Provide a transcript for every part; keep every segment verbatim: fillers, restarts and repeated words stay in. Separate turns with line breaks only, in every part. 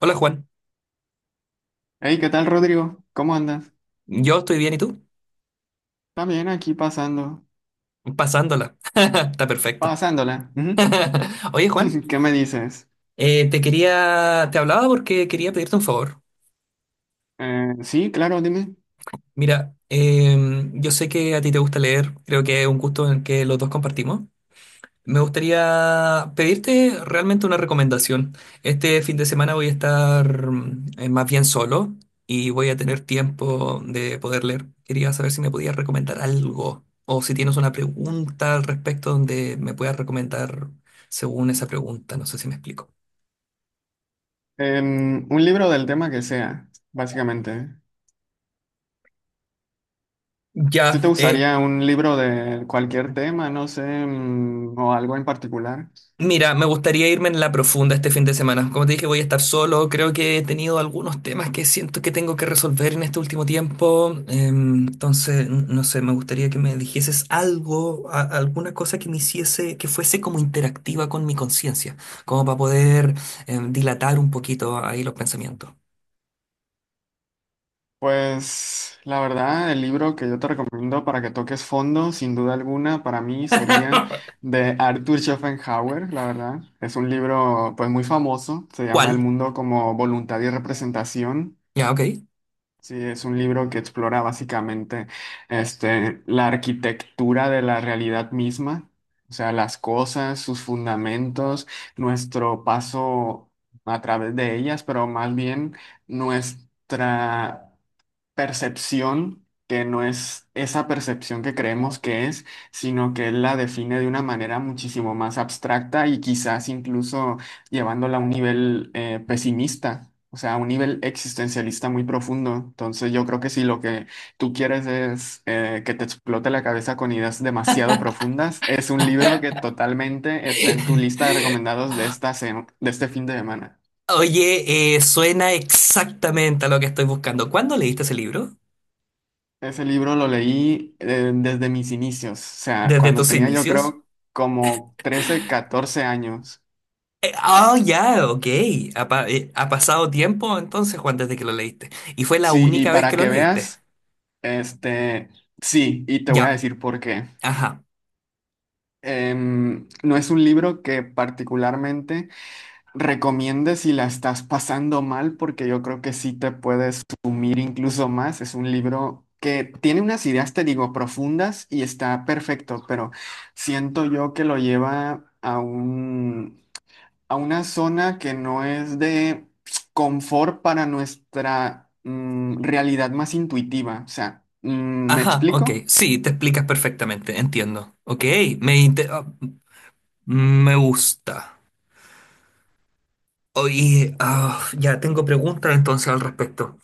Hola Juan,
Hey, ¿qué tal, Rodrigo? ¿Cómo andas?
yo estoy bien, ¿y tú?
También aquí pasando,
Pasándola. Está perfecto.
pasándola. Ujú.
Oye Juan,
¿Qué me dices?
eh, te quería, te hablaba porque quería pedirte un favor.
Eh, sí, claro, dime.
Mira, em, yo sé que a ti te gusta leer, creo que es un gusto en el que los dos compartimos. Me gustaría pedirte realmente una recomendación. Este fin de semana voy a estar mm, eh, más bien solo y voy a tener tiempo de poder leer. Quería saber si me podías recomendar algo o si tienes una pregunta al respecto donde me puedas recomendar según esa pregunta. No sé si me explico.
Em, un libro del tema que sea, básicamente. ¿Sí te
Ya, eh,
gustaría un libro de cualquier tema, no sé, mm, o algo en particular?
mira, me gustaría irme en la profunda este fin de semana. Como te dije, voy a estar solo. Creo que he tenido algunos temas que siento que tengo que resolver en este último tiempo. Em, entonces, n- no sé, me gustaría que me dijeses algo, a- alguna cosa que me hiciese, que fuese como interactiva con mi conciencia, como para poder em, dilatar un poquito ahí los pensamientos.
Pues la verdad, el libro que yo te recomiendo para que toques fondo, sin duda alguna, para mí sería de Arthur Schopenhauer, la verdad. Es un libro pues muy famoso, se llama El
¿Cuál?
mundo como voluntad y representación.
Ya, ok.
Sí, es un libro que explora básicamente este, la arquitectura de la realidad misma, o sea, las cosas, sus fundamentos, nuestro paso a través de ellas, pero más bien nuestra percepción que no es esa percepción que creemos que es, sino que él la define de una manera muchísimo más abstracta y quizás incluso llevándola a un nivel eh, pesimista, o sea, a un nivel existencialista muy profundo. Entonces yo creo que si lo que tú quieres es eh, que te explote la cabeza con ideas demasiado profundas, es un libro que totalmente está en tu lista de recomendados de esta, se- de este fin de semana.
Oye, eh, suena exactamente a lo que estoy buscando. ¿Cuándo leíste ese libro?
Ese libro lo leí eh, desde mis inicios, o sea,
¿Desde
cuando
tus
tenía yo
inicios?
creo como trece, catorce años.
Eh, Ah, ya, ok. Ha, pa- eh, ha pasado tiempo entonces, Juan, desde que lo leíste. ¿Y fue la
Sí, y
única vez que
para
lo
que
leíste?
veas, este, sí, y te voy a
Ya,
decir por qué.
ajá,
Em, no es un libro que particularmente recomiende si la estás pasando mal, porque yo creo que sí te puedes sumir incluso más. Es un libro que tiene unas ideas, te digo, profundas y está perfecto, pero siento yo que lo lleva a un a una zona que no es de confort para nuestra mm, realidad más intuitiva. O sea, mm, ¿me
ajá, ok.
explico?
Sí, te explicas perfectamente, entiendo. Ok, me, inte- ah, mm, me gusta. Oye, ah, ya tengo preguntas entonces al respecto.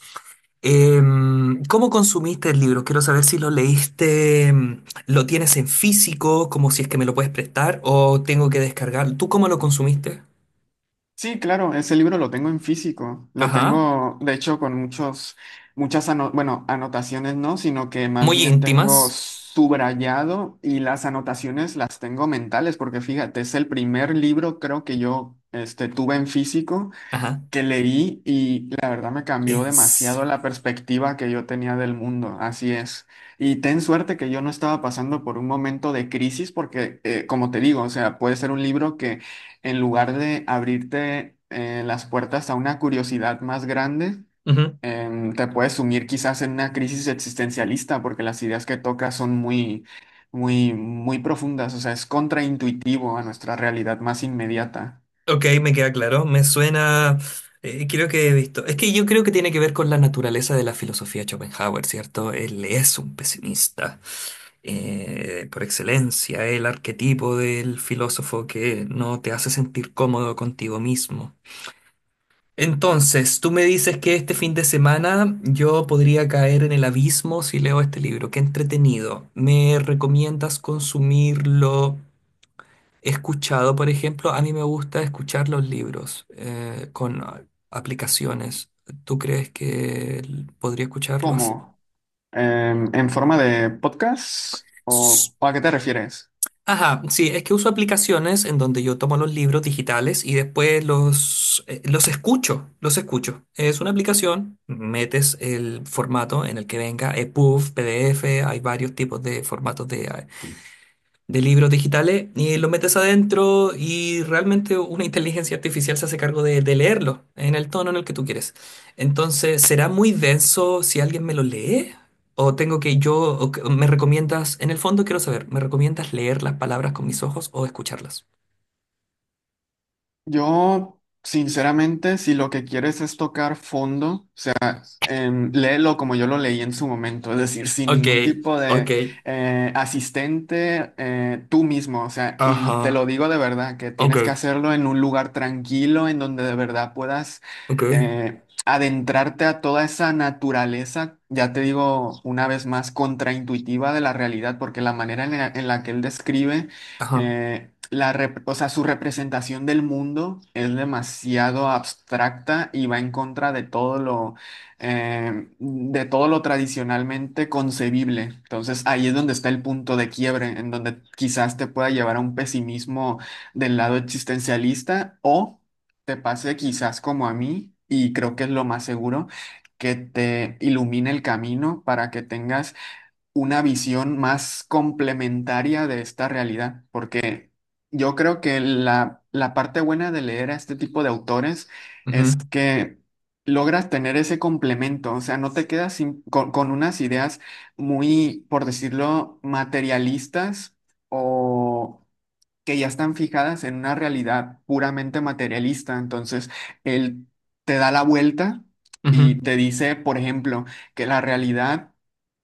Em, ¿cómo consumiste el libro? Quiero saber si lo leíste, em, lo tienes en físico, como si es que me lo puedes prestar, o tengo que descargar. ¿Tú cómo lo consumiste?
Sí, claro, ese libro lo tengo en físico. Lo
Ajá,
tengo, de hecho, con muchos, muchas ano- bueno, anotaciones no, sino que más
muy
bien tengo
íntimas.
subrayado y las anotaciones las tengo mentales, porque fíjate, es el primer libro creo que yo este, tuve en físico.
Ajá.
Que leí y la verdad me cambió
En
demasiado la
serio.
perspectiva que yo tenía del mundo, así es. Y ten suerte que yo no estaba pasando por un momento de crisis porque, eh, como te digo, o sea, puede ser un libro que en lugar de abrirte eh, las puertas a una curiosidad más grande,
Ujú.
em, te puede sumir quizás en una crisis existencialista porque las ideas que toca son muy... Muy, muy profundas, o sea, es contraintuitivo a nuestra realidad más inmediata.
Ok, me queda claro. Me suena. Eh, creo que he visto. Es que yo creo que tiene que ver con la naturaleza de la filosofía de Schopenhauer, ¿cierto? Él es un pesimista eh, por excelencia, el arquetipo del filósofo que no te hace sentir cómodo contigo mismo. Entonces, tú me dices que este fin de semana yo podría caer en el abismo si leo este libro. Qué entretenido. ¿Me recomiendas consumirlo? He escuchado, por ejemplo, a mí me gusta escuchar los libros eh, con a- aplicaciones. ¿Tú crees que l- podría escucharlos?
¿Cómo? Em, ¿en forma de podcast
S-
o ¿o a qué te refieres?
Ajá, sí, es que uso aplicaciones en donde yo tomo los libros digitales y después los, eh, los escucho, los escucho. Es una aplicación, metes el formato en el que venga, E P U B, P D F, hay varios tipos de formatos de eh, de libros digitales y los metes adentro y realmente una inteligencia artificial se hace cargo de, de leerlo en el tono en el que tú quieres. Entonces, ¿será muy denso si alguien me lo lee? ¿O tengo que yo, o que- me recomiendas, en el fondo quiero saber, ¿me recomiendas leer las palabras con mis ojos o escucharlas?
Yo, sinceramente, si lo que quieres es tocar fondo, em, léelo como yo lo leí en su momento, es decir, sin
Ok,
ningún tipo
ok,
de eh, asistente, eh, tú mismo, o sea, y te lo
ajá,
digo de verdad, que
ok,
tienes que hacerlo en un lugar tranquilo, en donde de verdad puedas
ok,
eh, adentrarte a toda esa naturaleza, ya te digo una vez más, contraintuitiva de la realidad, porque la manera en la, en la que él describe...
ajá,
eh, la rep- O sea, su representación del mundo es demasiado abstracta y va en contra de todo lo, eh, de todo lo tradicionalmente concebible. Entonces ahí es donde está el punto de quiebre, en donde quizás te pueda llevar a un pesimismo del lado existencialista o te pase quizás como a mí, y creo que es lo más seguro, que te ilumine el camino para que tengas una visión más complementaria de esta realidad, porque yo creo que la, la parte buena de leer a este tipo de autores es
ujú,
que logras tener ese complemento, o sea, no te quedas sin- con, con unas ideas muy, por decirlo, materialistas. O que ya están fijadas en una realidad puramente materialista. Entonces, él te da la vuelta
ujú.
y te dice, por ejemplo, que la realidad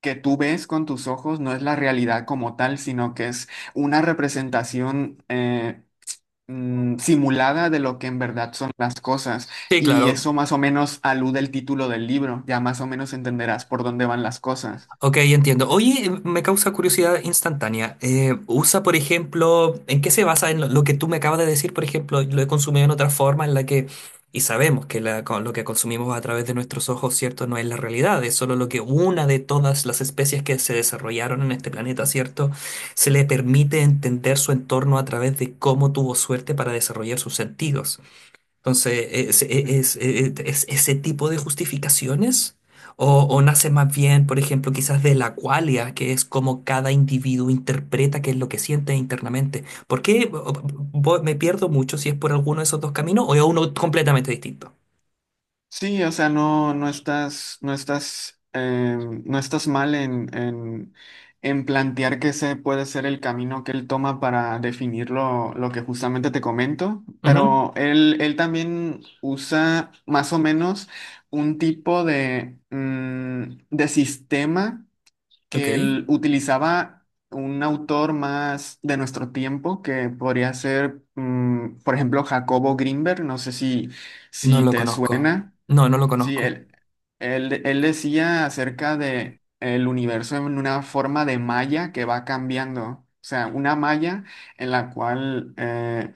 que tú ves con tus ojos no es la realidad como tal, sino que es una representación eh, mm, simulada de lo que en verdad son las cosas.
Sí,
Y
claro,
eso más o menos alude el título del libro, ya más o menos entenderás por dónde van las cosas.
ok, entiendo. Oye, me causa curiosidad instantánea. Eh, usa, por ejemplo, ¿en qué se basa en lo, lo que tú me acabas de decir? Por ejemplo, lo he consumido en otra forma en la que, y sabemos que la- con lo que consumimos a través de nuestros ojos, ¿cierto? No es la realidad, es solo lo que una de todas las especies que se desarrollaron en este planeta, ¿cierto? Se le permite entender su entorno a través de cómo tuvo suerte para desarrollar sus sentidos. Entonces, ¿es,
Ujú.
es- es- es ese tipo de justificaciones? O, o nace más bien, por ejemplo, quizás de la cualia, ¿que es como cada individuo interpreta qué es lo que siente internamente? ¿Por qué bo- bo- me pierdo mucho si es por alguno de esos dos caminos o es uno completamente distinto?
Sí, o sea, no, no estás, no estás, eh, no estás mal en, en, en plantear que ese puede ser el camino que él toma para definir lo, lo que justamente te comento,
Ujú.
pero él, él también usa más o menos un tipo de, mm, de sistema que
Ok,
él utilizaba un autor más de nuestro tiempo, que podría ser, mm, por ejemplo, Jacobo Grinberg, no sé si,
no
si
lo
te
conozco.
suena.
No, no lo
Sí,
conozco.
él, él, él decía acerca de el universo en una forma de malla que va cambiando. O sea, una malla en la cual eh,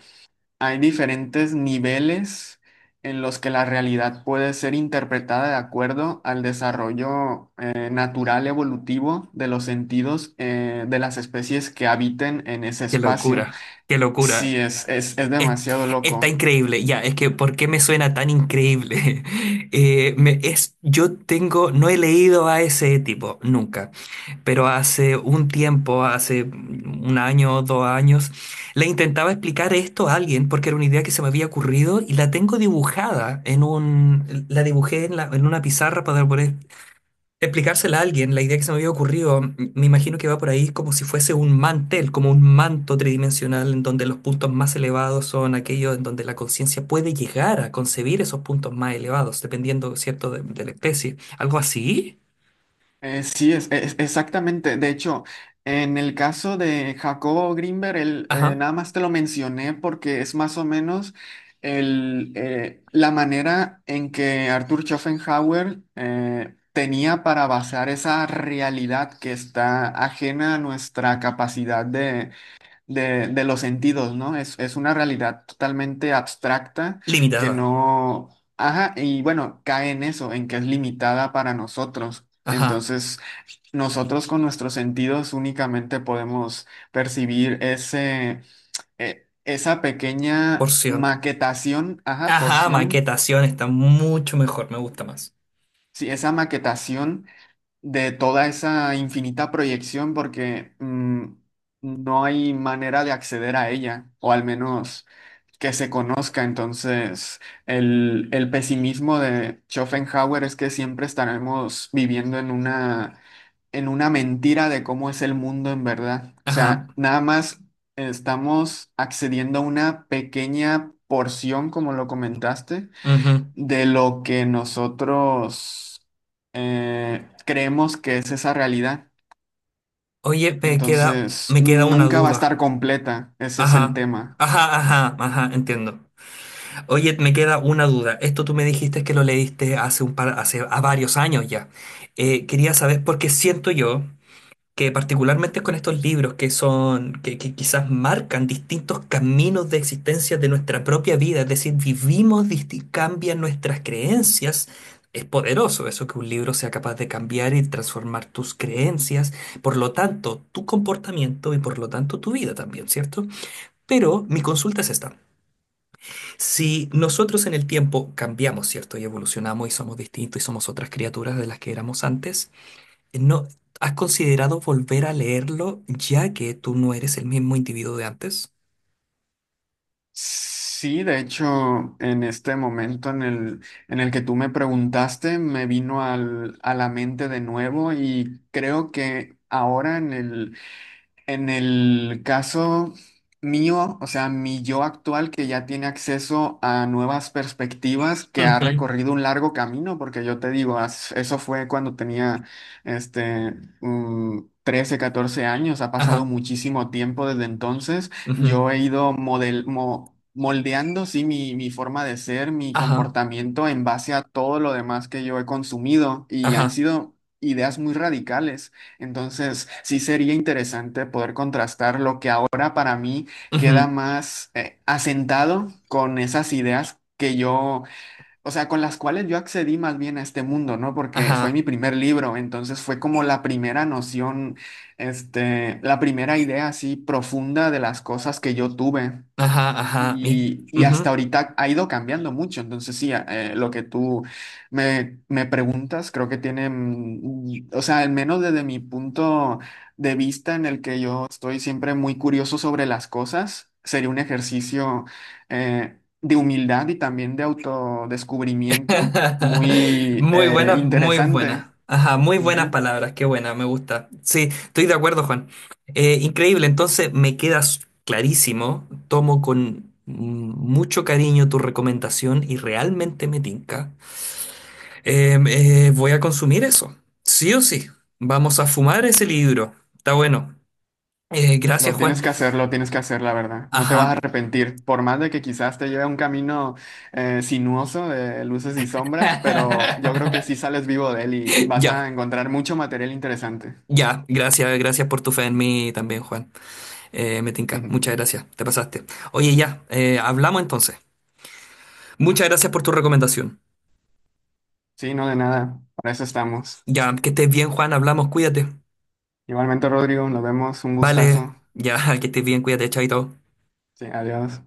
hay diferentes niveles en los que la realidad puede ser interpretada de acuerdo al desarrollo eh, natural evolutivo de los sentidos eh, de las especies que habiten en ese
Qué
espacio.
locura, qué locura.
Sí, es, es, es
Es-
demasiado
Está
loco.
increíble, ya, es que ¿por qué me suena tan increíble? Eh, me- es, yo tengo, no he leído a ese tipo nunca, pero hace un tiempo, hace un año o dos años, le intentaba explicar esto a alguien porque era una idea que se me había ocurrido y la tengo dibujada en un, la dibujé en, la- en una pizarra para poder explicársela a alguien, la idea que se me había ocurrido, m- me imagino que va por ahí como si fuese un mantel, como un manto tridimensional en donde los puntos más elevados son aquellos en donde la conciencia puede llegar a concebir esos puntos más elevados, dependiendo, ¿cierto?, de, de la especie. Algo así.
Eh, sí, es, es- exactamente. De hecho, en el caso de Jacobo Grinberg, él, eh,
Ajá.
nada más te lo mencioné porque es más o menos el, eh, la manera en que Arthur Schopenhauer eh, tenía para basar esa realidad que está ajena a nuestra capacidad de, de, de los sentidos, ¿no? Es, es una realidad totalmente abstracta que
Limitada.
no... Ajá, y bueno, cae en eso, en que es limitada para nosotros.
Ajá.
Entonces... Nosotros con nuestros sentidos únicamente podemos percibir ese, e- esa pequeña
Porción.
maquetación, ajá,
Ajá,
porción,
maquetación está mucho mejor, me gusta más.
sí, esa maquetación de toda esa infinita proyección porque mm, no hay manera de acceder a ella, o al menos que se conozca. Entonces, el, el pesimismo de Schopenhauer es que siempre estaremos viviendo en una, en una mentira de cómo es el mundo en verdad. O
Ajá,
sea, nada más estamos accediendo a una pequeña porción, como lo comentaste
ujú.
de lo que nosotros eh, creemos que es esa realidad.
Oye, me queda,
Entonces,
me queda una
nunca va a
duda.
estar completa, ese es el
Ajá.
tema.
Ajá, ajá, ajá, entiendo. Oye, me queda una duda. Esto tú me dijiste que lo leíste hace un par, hace a varios años ya. Eh, quería saber porque siento yo que particularmente con estos libros que son, que, que quizás marcan distintos caminos de existencia de nuestra propia vida, es decir, vivimos, disti- cambian nuestras creencias. Es poderoso eso que un libro sea capaz de cambiar y transformar tus creencias, por lo tanto, tu comportamiento y por lo tanto tu vida también, ¿cierto? Pero mi consulta es esta. Si nosotros en el tiempo cambiamos, ¿cierto? Y evolucionamos y somos distintos y somos otras criaturas de las que éramos antes, ¿no has considerado volver a leerlo ya que tú no eres el mismo individuo de antes?
Sí, de hecho, en este momento en el, en el que tú me preguntaste, me vino al- a la mente de nuevo y creo que ahora en el En el caso mío, o sea, mi yo actual que ya tiene acceso a nuevas perspectivas, que ha
Ujú.
recorrido un largo camino, porque yo te digo, as- eso fue cuando tenía este, mm, trece, catorce años, ha pasado
Ajá,
muchísimo tiempo desde entonces,
ujú,
yo he ido model, mo- moldeando, sí, mi, mi forma de ser, mi
ajá,
comportamiento en base a todo lo demás que yo he consumido y han
ajá,
sido ideas muy radicales. Entonces, sí sería interesante poder contrastar lo que ahora para mí queda
ujú,
más eh, asentado con esas ideas que yo, o sea, con las cuales yo accedí más bien a este mundo, ¿no? Porque fue
ajá,
mi primer libro, entonces fue como la primera noción, este, la primera idea así profunda de las cosas que yo tuve.
ajá, ajá, y,
Y, y hasta
ujú.
ahorita ha ido cambiando mucho. Entonces, sí, a- eh, lo que tú me, me preguntas, creo que tiene, mm, o sea, al menos desde mi punto de vista en el que yo estoy siempre muy curioso sobre las cosas, sería un ejercicio eh, de humildad y también de autodescubrimiento muy
Muy
eh,
buenas, muy buenas.
interesante.
Ajá, muy buenas
Ujú.
palabras, qué buena, me gusta. Sí, estoy de acuerdo, Juan. Eh, increíble, entonces me quedas clarísimo. Tomo con mucho cariño tu recomendación y realmente me tinca. Eh, eh, voy a consumir eso, sí o sí. Vamos a fumar ese libro. Está bueno. Eh, gracias,
Lo
Juan.
tienes que hacer, lo tienes que hacer, la verdad. No te
Ajá.
vas a arrepentir, por más de que quizás te lleve a un camino eh, sinuoso de luces y sombras, pero yo creo que sí sales vivo de él y vas a
Ya,
encontrar mucho material interesante.
ya, gracias, gracias por tu fe en mí también, Juan. Eh, me tinca. Muchas gracias. Te pasaste. Oye, ya. Eh, hablamos entonces. Muchas gracias por tu recomendación.
Sí, no, de nada, para eso estamos.
Ya, que estés bien, Juan. Hablamos. Cuídate.
Igualmente, Rodrigo, nos vemos, un
Vale.
gustazo.
Ya, que estés bien. Cuídate. Chaito.
Sí, adiós.